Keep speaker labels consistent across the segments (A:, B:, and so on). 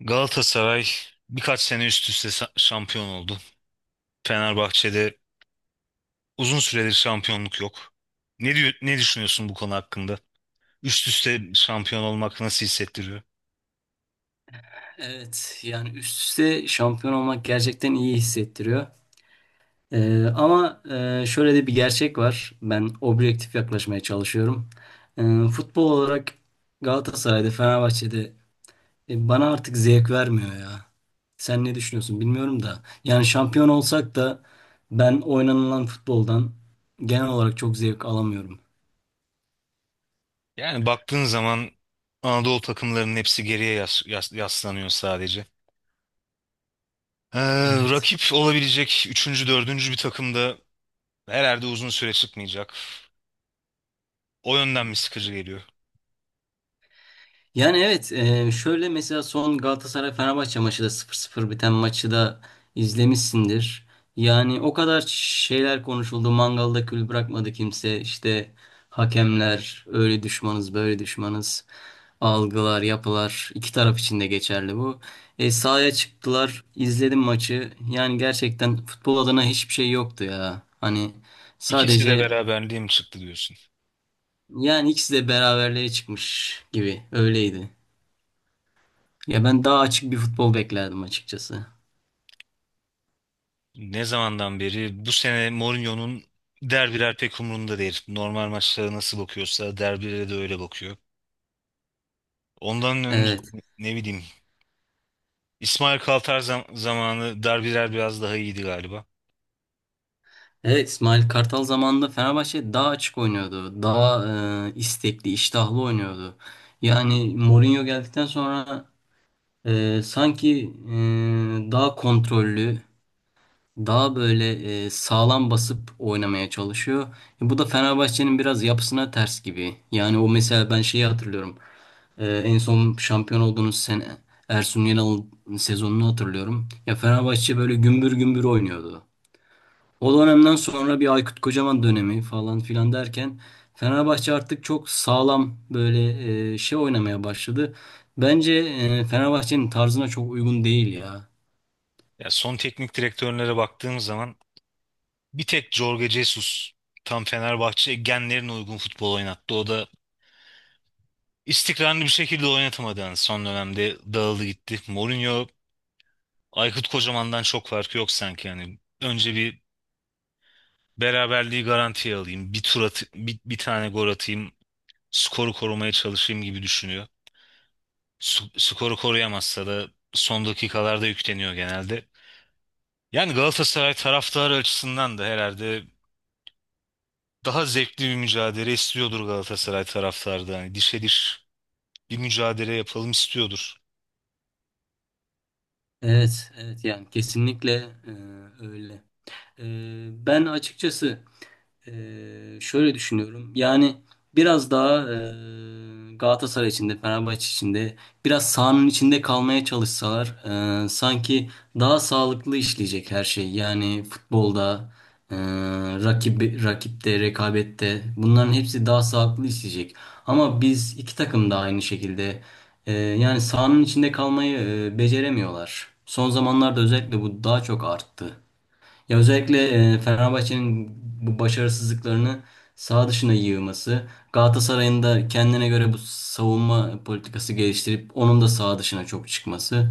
A: Galatasaray birkaç sene üst üste şampiyon oldu. Fenerbahçe'de uzun süredir şampiyonluk yok. Ne diyor, ne düşünüyorsun bu konu hakkında? Üst üste şampiyon olmak nasıl hissettiriyor?
B: Evet yani üst üste şampiyon olmak gerçekten iyi hissettiriyor. Ama şöyle de bir gerçek var. Ben objektif yaklaşmaya çalışıyorum. Futbol olarak Galatasaray'da, Fenerbahçe'de bana artık zevk vermiyor ya. Sen ne düşünüyorsun bilmiyorum da. Yani şampiyon olsak da ben oynanılan futboldan genel olarak çok zevk alamıyorum.
A: Yani baktığın zaman Anadolu takımlarının hepsi geriye yaslanıyor sadece. Ee,
B: Evet.
A: Rakip olabilecek üçüncü, dördüncü bir takım da herhalde uzun süre çıkmayacak. O yönden mi sıkıcı geliyor?
B: Yani evet, şöyle mesela son Galatasaray-Fenerbahçe maçı da sıfır 0 biten maçı da izlemişsindir. Yani o kadar şeyler konuşuldu. Mangalda kül bırakmadı kimse. İşte hakemler öyle düşmanız böyle düşmanız. Algılar yapılar iki taraf için de geçerli bu. Sahaya çıktılar, izledim maçı. Yani gerçekten futbol adına hiçbir şey yoktu ya. Hani
A: İkisi de
B: sadece
A: beraberliğe mi çıktı diyorsun?
B: yani ikisi de beraberliğe çıkmış gibi öyleydi. Ya ben daha açık bir futbol beklerdim açıkçası.
A: Ne zamandan beri bu sene Mourinho'nun derbiler pek umurunda değil. Normal maçlara nasıl bakıyorsa derbilere de öyle bakıyor. Ondan önce
B: Evet.
A: ne bileyim İsmail Kartal zamanı derbiler biraz daha iyiydi galiba.
B: Evet, İsmail Kartal zamanında Fenerbahçe daha açık oynuyordu. Daha istekli, iştahlı oynuyordu. Yani Mourinho geldikten sonra sanki e, daha kontrollü, daha böyle sağlam basıp oynamaya çalışıyor. Bu da Fenerbahçe'nin biraz yapısına ters gibi. Yani o mesela ben şeyi hatırlıyorum. En son şampiyon olduğunuz sene Ersun Yanal'ın sezonunu hatırlıyorum. Ya Fenerbahçe böyle gümbür gümbür oynuyordu. O dönemden sonra bir Aykut Kocaman dönemi falan filan derken Fenerbahçe artık çok sağlam böyle şey oynamaya başladı. Bence Fenerbahçe'nin tarzına çok uygun değil ya.
A: Ya son teknik direktörlere baktığım zaman bir tek Jorge Jesus tam Fenerbahçe genlerine uygun futbol oynattı. O da istikrarlı bir şekilde oynatamadı yani son dönemde dağıldı gitti. Mourinho Aykut Kocaman'dan çok farkı yok sanki yani. Önce bir beraberliği garantiye alayım. Bir tur at, bir tane gol atayım. Skoru korumaya çalışayım gibi düşünüyor. Skoru koruyamazsa da son dakikalarda yükleniyor genelde. Yani Galatasaray taraftarı açısından da herhalde daha zevkli bir mücadele istiyordur Galatasaray taraftarı da. Hani dişe diş bir mücadele yapalım istiyordur.
B: Evet, evet, yani kesinlikle e, öyle. E, ben açıkçası e, şöyle düşünüyorum. Yani biraz daha Galatasaray içinde, Fenerbahçe içinde biraz sahanın içinde kalmaya çalışsalar sanki daha sağlıklı işleyecek her şey. Yani futbolda, e, rakip, rakipte, rekabette bunların hepsi daha sağlıklı işleyecek. Ama biz iki takım da aynı şekilde. Yani sahanın içinde kalmayı beceremiyorlar. Son zamanlarda özellikle bu daha çok arttı. Ya özellikle Fenerbahçe'nin bu başarısızlıklarını saha dışına yığması, Galatasaray'ın da kendine göre bu savunma politikası geliştirip onun da saha dışına çok çıkması.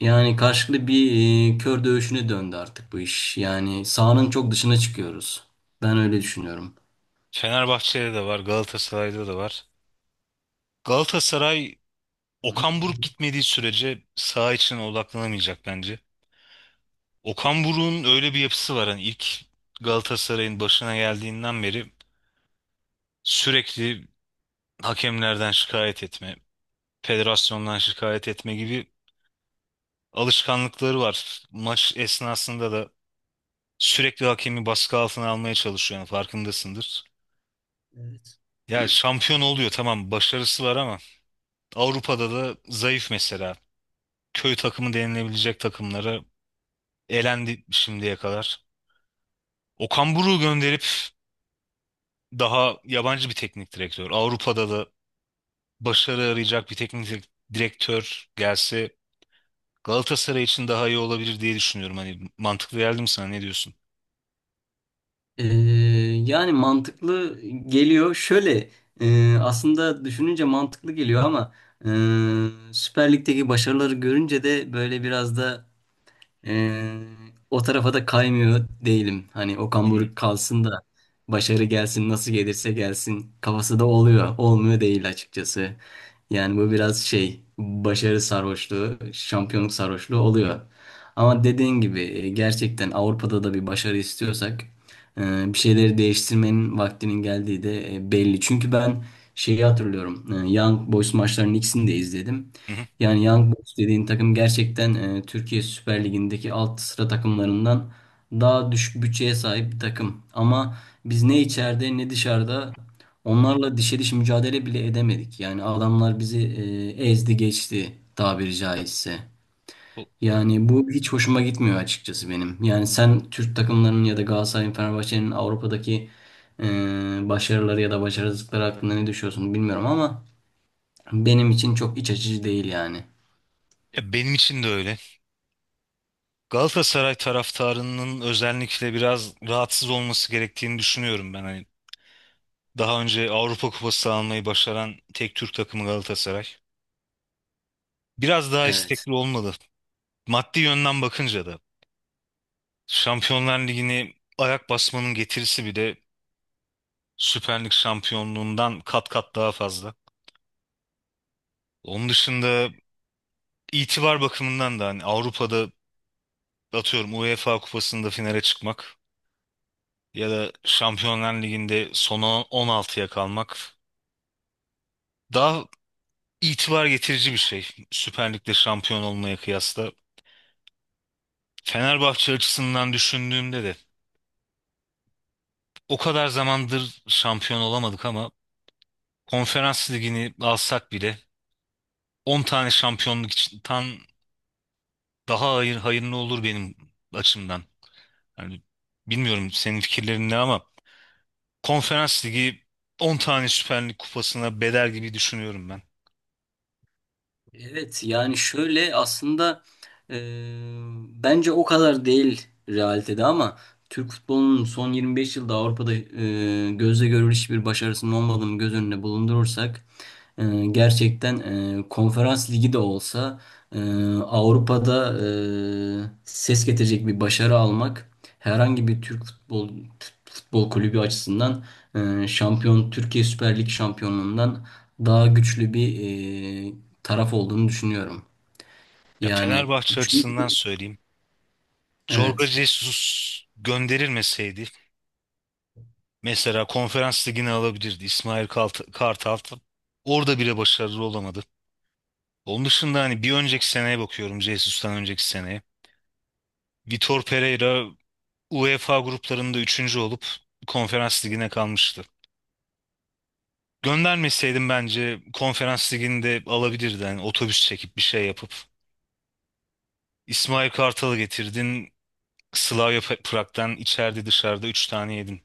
B: Yani karşılıklı bir kör dövüşüne döndü artık bu iş. Yani sahanın çok dışına çıkıyoruz. Ben öyle düşünüyorum.
A: Fenerbahçe'de de var, Galatasaray'da da var. Galatasaray Okan Buruk gitmediği sürece saha içine odaklanamayacak bence. Okan Buruk'un öyle bir yapısı var. Hani ilk Galatasaray'ın başına geldiğinden beri sürekli hakemlerden şikayet etme, federasyondan şikayet etme gibi alışkanlıkları var. Maç esnasında da sürekli hakemi baskı altına almaya çalışıyor. Yani farkındasındır. Ya şampiyon oluyor, tamam, başarısı var ama Avrupa'da da zayıf mesela. Köy takımı denilebilecek takımlara elendi şimdiye kadar. Okan Buruk'u gönderip daha yabancı bir teknik direktör, Avrupa'da da başarı arayacak bir teknik direktör gelse Galatasaray için daha iyi olabilir diye düşünüyorum. Hani mantıklı geldi mi, sana ne diyorsun?
B: Ee, yani mantıklı geliyor. Şöyle aslında düşününce mantıklı geliyor ama e, Süper Lig'deki başarıları görünce de böyle biraz da ee, o tarafa da kaymıyor değilim. Hani Okan
A: Hmm.
B: Buruk kalsın da başarı gelsin, nasıl gelirse gelsin kafası da oluyor. Olmuyor değil açıkçası. Yani bu biraz şey başarı sarhoşluğu, şampiyonluk sarhoşluğu oluyor. Ama dediğin gibi gerçekten Avrupa'da da bir başarı istiyorsak bir şeyleri değiştirmenin vaktinin geldiği de belli. Çünkü ben şeyi hatırlıyorum. Young Boys maçlarının ikisini de izledim.
A: Hı hı.
B: Yani Young Boys dediğin takım gerçekten Türkiye Süper Ligi'ndeki alt sıra takımlarından daha düşük bütçeye sahip bir takım. Ama biz ne içeride ne dışarıda onlarla dişe diş mücadele bile edemedik. Yani adamlar bizi ezdi geçti, tabiri caizse.
A: O-
B: Yani bu hiç hoşuma gitmiyor açıkçası benim. Yani sen Türk takımlarının ya da Galatasaray'ın, Fenerbahçe'nin Avrupa'daki e, başarıları ya da başarısızlıkları hakkında ne düşünüyorsun bilmiyorum ama benim için çok iç açıcı değil yani.
A: Ya benim için de öyle. Galatasaray taraftarının özellikle biraz rahatsız olması gerektiğini düşünüyorum ben. Hani daha önce Avrupa Kupası almayı başaran tek Türk takımı Galatasaray. Biraz daha
B: Evet.
A: istekli olmalı. Maddi yönden bakınca da Şampiyonlar Ligi'ni ayak basmanın getirisi bir de Süper Lig şampiyonluğundan kat kat daha fazla. Onun dışında itibar bakımından da hani Avrupa'da atıyorum UEFA Kupası'nda finale çıkmak ya da Şampiyonlar Ligi'nde son 16'ya kalmak daha itibar getirici bir şey. Süper Lig'de şampiyon olmaya kıyasla. Fenerbahçe açısından düşündüğümde de o kadar zamandır şampiyon olamadık ama Konferans Ligi'ni alsak bile 10 tane şampiyonluk için daha hayır, hayırlı olur benim açımdan. Yani bilmiyorum senin fikirlerin ne ama Konferans Ligi 10 tane Süper Lig kupasına bedel gibi düşünüyorum ben.
B: Evet, yani şöyle aslında e, bence o kadar değil realitede ama Türk futbolunun son 25 yılda Avrupa'da gözle görülür hiçbir başarısının olmadığını göz önüne bulundurursak e, gerçekten konferans ligi de olsa e, Avrupa'da ses getirecek bir başarı almak herhangi bir Türk futbol kulübü açısından e, şampiyon Türkiye Süper Lig şampiyonluğundan daha güçlü bir e, taraf olduğunu düşünüyorum.
A: Ya
B: Yani,
A: Fenerbahçe açısından
B: çünkü,
A: söyleyeyim. Jorge
B: evet.
A: Jesus gönderilmeseydi mesela Konferans Ligi'ni alabilirdi İsmail Kartal. Orada bile başarılı olamadı. Onun dışında hani bir önceki seneye bakıyorum, Jesus'tan önceki seneye. Vitor Pereira UEFA gruplarında üçüncü olup Konferans Ligi'ne kalmıştı. Göndermeseydim bence konferans liginde alabilirdi. Yani otobüs çekip bir şey yapıp. İsmail Kartal'ı getirdin. Slavia Prag'dan içeride dışarıda 3 tane yedin.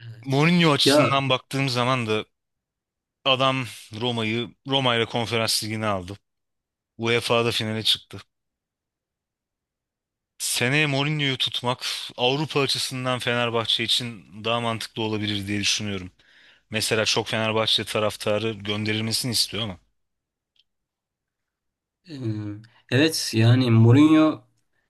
B: Evet.
A: Mourinho
B: Ya
A: açısından baktığım zaman da adam Roma'yı Roma ile konferans ligine aldı. UEFA'da finale çıktı. Seneye Mourinho'yu tutmak Avrupa açısından Fenerbahçe için daha mantıklı olabilir diye düşünüyorum. Mesela çok Fenerbahçe taraftarı gönderilmesini istiyor ama
B: e, evet, yani Mourinho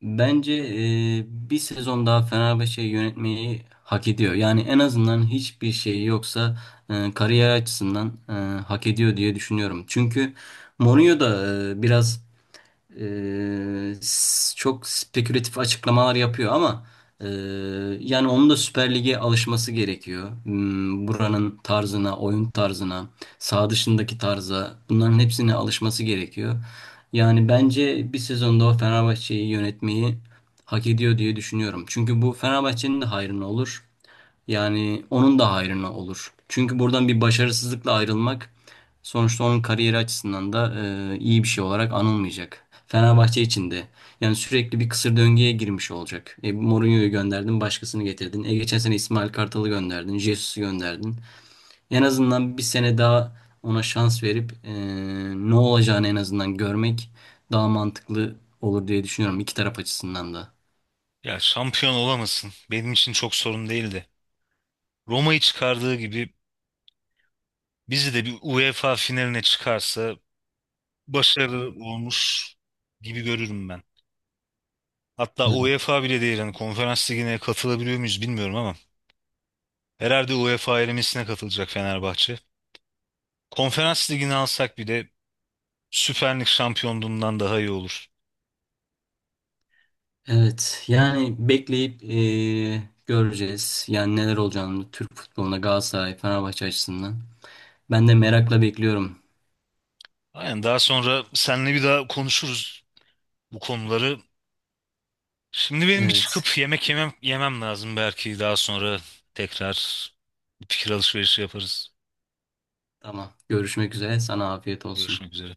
B: bence bir sezon daha Fenerbahçe'yi yönetmeyi hak ediyor. Yani en azından hiçbir şeyi yoksa kariyer açısından hak ediyor diye düşünüyorum. Çünkü Mourinho da biraz çok spekülatif açıklamalar yapıyor ama e, yani onun da Süper Lig'e alışması gerekiyor. Buranın tarzına, oyun tarzına, saha dışındaki tarza bunların hepsine alışması gerekiyor. Yani bence bir sezonda o Fenerbahçe'yi yönetmeyi hak ediyor diye düşünüyorum. Çünkü bu Fenerbahçe'nin de hayrına olur. Yani onun da hayrına olur. Çünkü buradan bir başarısızlıkla ayrılmak, sonuçta onun kariyeri açısından da iyi bir şey olarak anılmayacak. Fenerbahçe için de. Yani sürekli bir kısır döngüye girmiş olacak. Mourinho'yu gönderdin, başkasını getirdin. Geçen sene İsmail Kartal'ı gönderdin, Jesus'u gönderdin. En azından bir sene daha ona şans verip ne olacağını en azından görmek daha mantıklı olur diye düşünüyorum iki taraf açısından da.
A: ya şampiyon olamasın, benim için çok sorun değildi. Roma'yı çıkardığı gibi bizi de bir UEFA finaline çıkarsa başarı olmuş gibi görürüm ben. Hatta UEFA bile değil, hani konferans ligine katılabiliyor muyuz bilmiyorum ama herhalde UEFA elemesine katılacak Fenerbahçe. Konferans ligini alsak bile Süper Lig şampiyonluğundan daha iyi olur.
B: Evet, yani bekleyip göreceğiz. Yani neler olacağını Türk futboluna Galatasaray, Fenerbahçe açısından. Ben de merakla bekliyorum.
A: Aynen, daha sonra seninle bir daha konuşuruz bu konuları. Şimdi benim bir
B: Evet.
A: çıkıp yemek yemem lazım, belki daha sonra tekrar bir fikir alışverişi yaparız.
B: Tamam. Görüşmek üzere. Sana afiyet olsun.
A: Görüşmek üzere.